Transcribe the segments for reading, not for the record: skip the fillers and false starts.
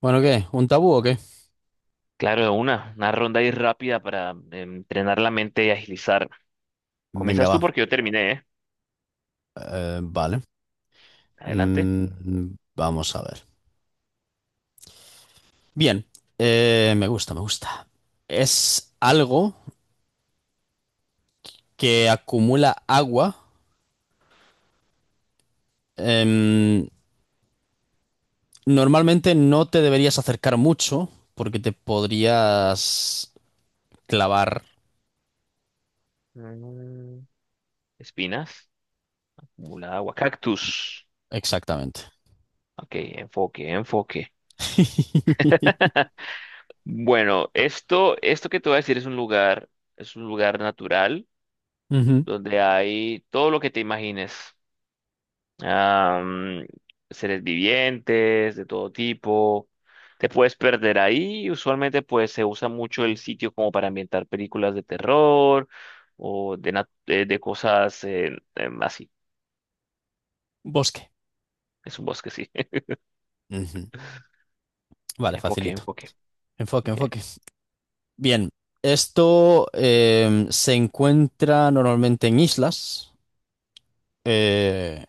Bueno, ¿qué? ¿Un tabú o qué? Claro, de una ronda ahí rápida para entrenar la mente y agilizar. Venga, Comienzas tú va. porque yo terminé, ¿eh? Vale. Adelante. Mm, vamos a ver. Bien. Me gusta, me gusta. Es algo que acumula agua. Em, Normalmente no te deberías acercar mucho porque te podrías clavar Mm, espinas, acumulada agua, cactus. exactamente. Ok, enfoque, enfoque. Bueno, esto que te voy a decir es un lugar natural Ujú. donde hay todo lo que te imagines. am, Seres vivientes de todo tipo. Te puedes perder ahí. Usualmente pues se usa mucho el sitio como para ambientar películas de terror o de cosas así. Bosque. Es un bosque, sí. Ujú. Vale, Enfoque, facilito. enfoque. Enfoque, Ok. enfoque. Bien, esto se encuentra normalmente en islas. eh,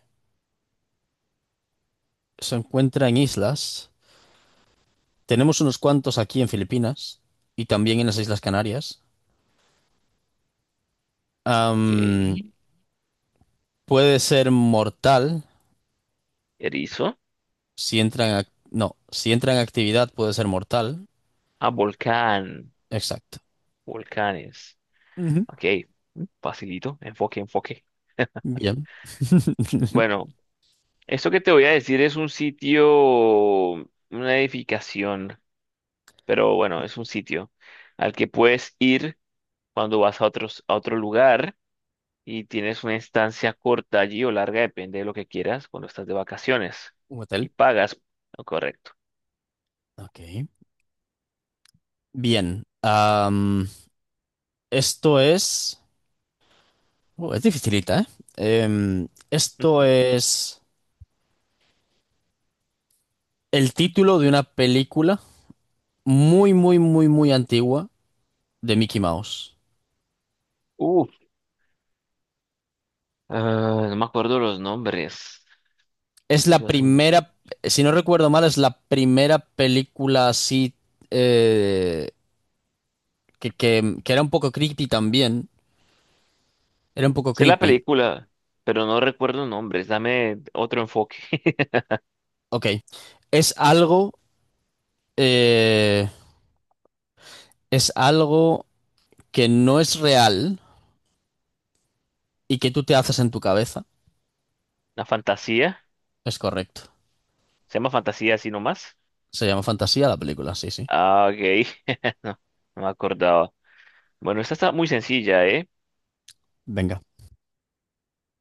Se encuentra en islas. Tenemos unos cuantos aquí en Filipinas y también en las Islas Canarias. Ok. Am, Puede ser mortal Erizo. si entra en no, si entra en actividad puede ser mortal. Ah, volcán. Exacto. Volcanes. Ujú. Ok. Mm, facilito. Enfoque, enfoque. Bien. Bueno, esto que te voy a decir es un sitio, una edificación, pero bueno, es un sitio al que puedes ir cuando vas a otros, a otro lugar y tienes una estancia corta allí o larga, depende de lo que quieras, cuando estás de vacaciones Un y hotel. pagas lo correcto. Ok. Bien. Esto es. Es dificilita, ¿eh? Em, esto es el título de una película muy, muy, muy, muy antigua de Mickey Mouse. Uf, ah, no me acuerdo los nombres, ha Es la sido hace mucho tiempo. primera, si no recuerdo mal, es la primera película así eh, que era un poco creepy también. Era un poco Sé la creepy. película, pero no recuerdo nombres, dame otro enfoque. Ok. Es algo, eh, es algo que no es real y que tú te haces en tu cabeza. La fantasía, Es correcto. se llama fantasía así nomás. Se llama Fantasía la película, sí, sí. Ah, ok, no, no me acordaba. Bueno, esta está muy sencilla, ¿eh? Venga.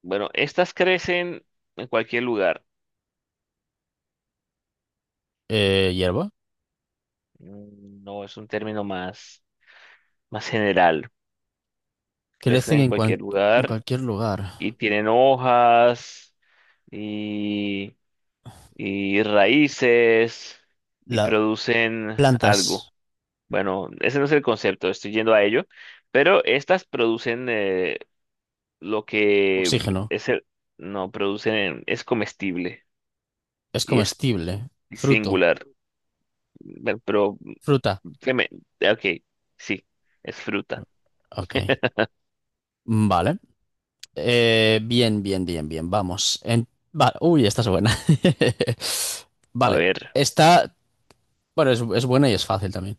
Bueno, estas crecen en cualquier lugar. Hierba. No es un término más general. Crecen Crecen en en, cualquier en lugar cualquier y lugar. tienen hojas y, y raíces y Las producen plantas, algo. Bueno, ese no es el concepto, estoy yendo a ello. Pero estas producen lo que oxígeno. es el... No, producen... Es comestible Es y es comestible. Fruto. singular. Bueno, pero Fruta. que me, ok, sí, es fruta. Ok. Vale. Bien, bien, bien, bien. Vamos. Uy, esta es buena. A Vale. ver, Esta, bueno, es buena y es fácil también.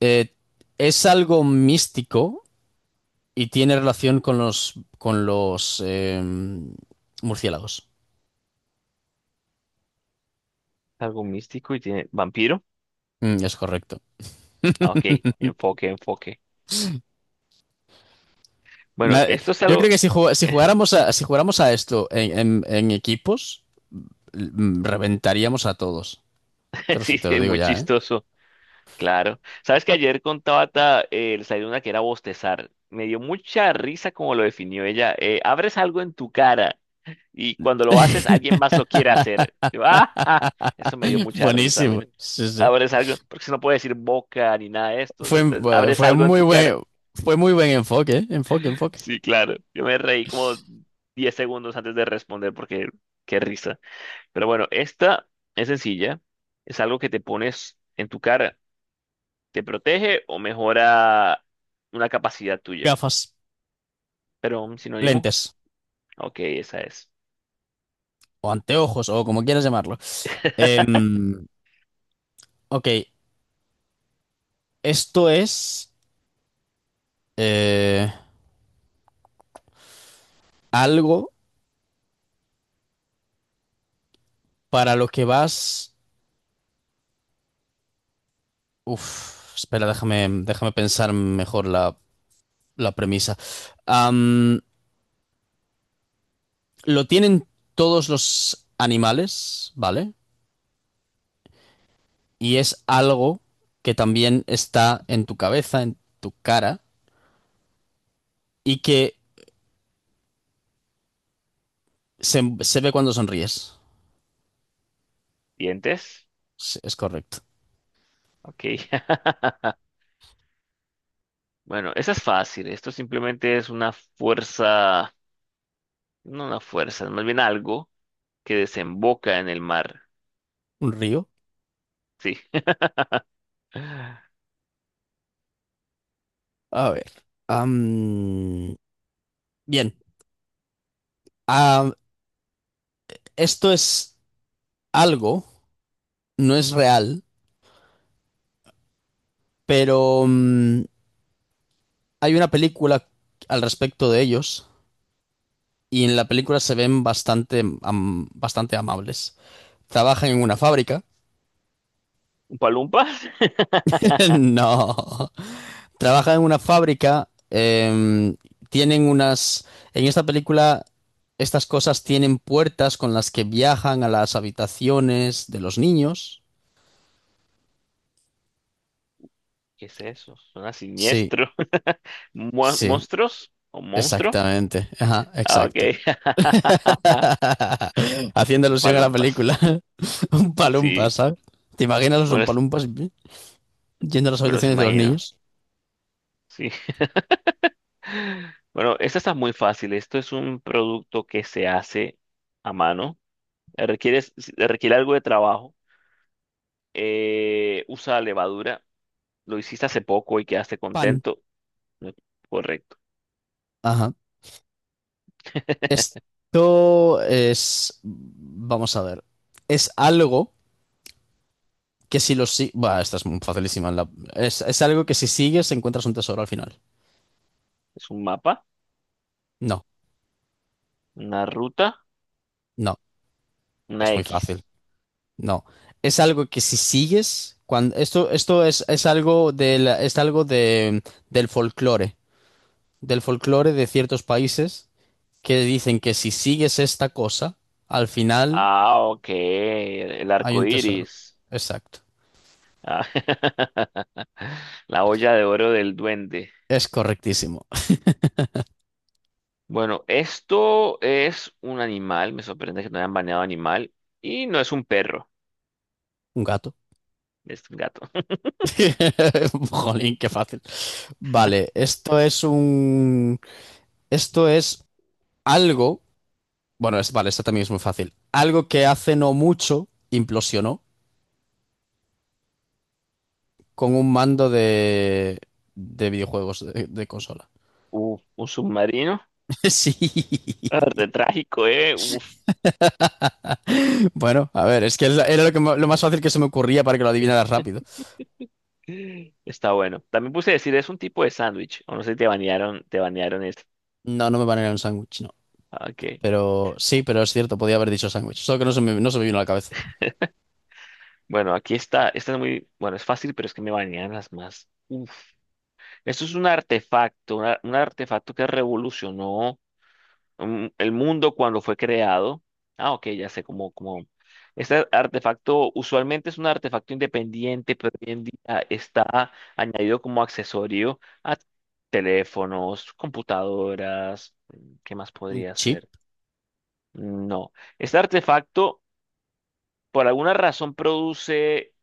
Eh, es algo místico y tiene relación con los murciélagos. algo místico y tiene vampiro. Mm, es correcto. Ah, ok, enfoque, enfoque. Bueno, esto es Yo creo algo, que si, si jugáramos a, si jugáramos a esto en, en equipos, mm, reventaríamos a todos. Sí, Te lo sí, digo muy ya, ¿eh? chistoso, claro. Sabes que ayer con Tabata le salió una que era bostezar. Me dio mucha risa como lo definió ella. Abres algo en tu cara y cuando lo haces, alguien más lo quiere hacer. Yo, ah, ah, eso me dio mucha risa, Buenísimo. men. Sí, sí. Abres algo, porque si no puede decir boca ni nada de esto, o sea, Fue, entonces, abres algo en tu cara. Fue muy buen enfoque, ¿eh? Enfoque, enfoque. Sí, claro. Yo me reí como 10 segundos antes de responder porque qué risa. Pero bueno, esta es sencilla. Es algo que te pones en tu cara. ¿Te protege o mejora una capacidad tuya? Gafas, Pero un sinónimo. lentes, Ok, esa es. o anteojos, o como quieras llamarlo. Em, ok, esto es eh, algo para lo que vas. Uf, espera, déjame, déjame pensar mejor la, la premisa. Am, lo tienen todos los animales, ¿vale? Y es algo que también está en tu cabeza, en tu cara, y que se ve cuando sonríes. ¿Dientes? Sí, es correcto. Ok. Bueno, esa es fácil. Esto simplemente es una fuerza, no una fuerza, más bien algo que desemboca en el mar. ¿Un río? Sí. A ver. Am, bien. Ah, esto es algo, no es real, pero mm, hay una película al respecto de ellos y en la película se ven bastante, bastante amables. Trabajan en una fábrica. ¿Un palumpa? No. Trabajan en una fábrica, tienen unas... En esta película, estas cosas tienen puertas con las que viajan a las habitaciones de los niños. ¿Qué es eso? Suena Sí, siniestro. ¿Mu- sí, ¿Monstruos? ¿O monstruo? exactamente. Ajá, Ah, ok. exacto. Haciendo alusión a la Palumpas. película. Un palumpa, Sí. ¿sabes? ¿Te imaginas los Bueno, es- palumpas yendo a las me los habitaciones de los imagino. niños? Sí. Bueno, esta está muy fácil. Esto es un producto que se hace a mano. Requiere, requiere, algo de trabajo. Usa levadura. Lo hiciste hace poco y quedaste Pan. contento. Correcto. Ajá. Esto es... Vamos a ver. Es algo que si los sigues. Bah, esta es muy facilísima. Es algo que si sigues encuentras un tesoro al final. Es un mapa, No, una ruta, no, una es muy X. fácil. No. Es algo que si sigues. Cuando... Esto es algo del, es algo de, del folclore. Del folclore de ciertos países que dicen que si sigues esta cosa, al final Ah, ok, el hay arco un tesoro. iris. Exacto. Ah, la olla de oro del duende. Es correctísimo. Bueno, esto es un animal, me sorprende que no hayan baneado animal, y no es un perro, Un gato. es un gato. Jolín, qué fácil. Vale, esto es un. Esto es algo. Bueno, es, vale, esta también es muy fácil. Algo que hace no mucho implosionó con un mando de videojuegos de consola. Uf, un submarino. Sí. Ah, re trágico, eh. Uf, Bueno, a ver, es que es era lo, que lo más fácil que se me ocurría para que lo adivinaras rápido. está bueno. También puse decir, es un tipo de sándwich, o no sé si te banearon, te banearon esto. No, no me van a ir a un sándwich, no. Ah, ok, Pero sí, pero es cierto, podía haber dicho sándwich. Solo que no se me, no se me vino a la cabeza. bueno, aquí está, esta es muy, bueno, es fácil, pero es que me banearon las más. Eso es un artefacto, un artefacto que revolucionó el mundo cuando fue creado. Ah, ok, ya sé cómo. Este artefacto usualmente es un artefacto independiente, pero hoy en día está añadido como accesorio a teléfonos, computadoras. ¿Qué más ¿Un podría chip? ser? No. Este artefacto, por alguna razón, produce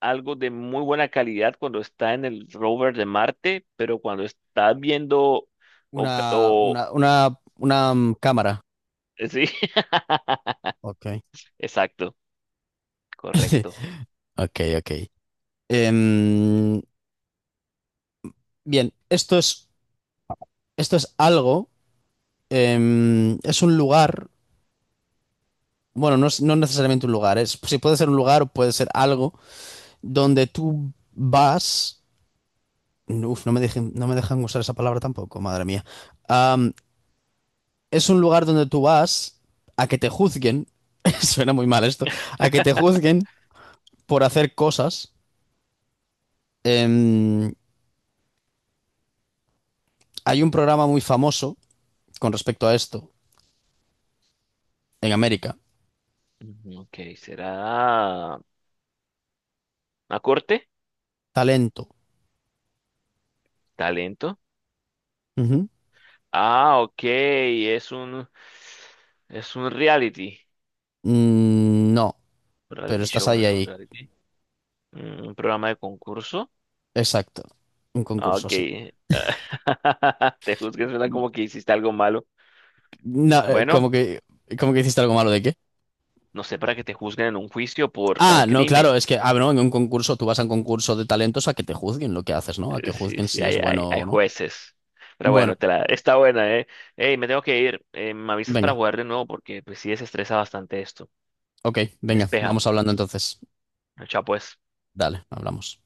algo de muy buena calidad cuando está en el rover de Marte, pero cuando está viendo o, ca- o- Una mm, cámara. sí, Ok. exacto, correcto. Ok, ok. Em, bien, esto es algo. Es un lugar, bueno, no es no necesariamente un lugar, es, sí, puede ser un lugar o puede ser algo donde tú vas. Uf, no me dejen, no me dejan usar esa palabra tampoco, madre mía. Am, es un lugar donde tú vas a que te juzguen, suena muy mal esto, a que te juzguen por hacer cosas. Em, hay un programa muy famoso con respecto a esto en América, Ujú, ok, será a corte, Talento. talento. Ujú. Ah, ok, es un reality, Mm, no, pero reality estás show, no ahí, es un ahí. reality. Un programa de concurso. Exacto. Un Ah, concurso, ok, sí. te juzgues, suena como que hiciste algo malo. No, Bueno, como que hiciste algo malo de qué? no sé, para que te juzguen en un juicio por Ah, tal no, claro, crimen. es que, ah, bueno, en un concurso, tú vas a un concurso de talentos a que te juzguen lo que haces, ¿no? A que Sí, juzguen sí, si es hay, hay, bueno hay o no. jueces. Pero Bueno, bueno, está buena, ¿eh? Ey, me tengo que ir. Me avisas para venga, jugar de nuevo porque pues sí desestresa bastante esto. ok, venga, Despeja. vamos hablando entonces. Chao, pues. Dale, hablamos.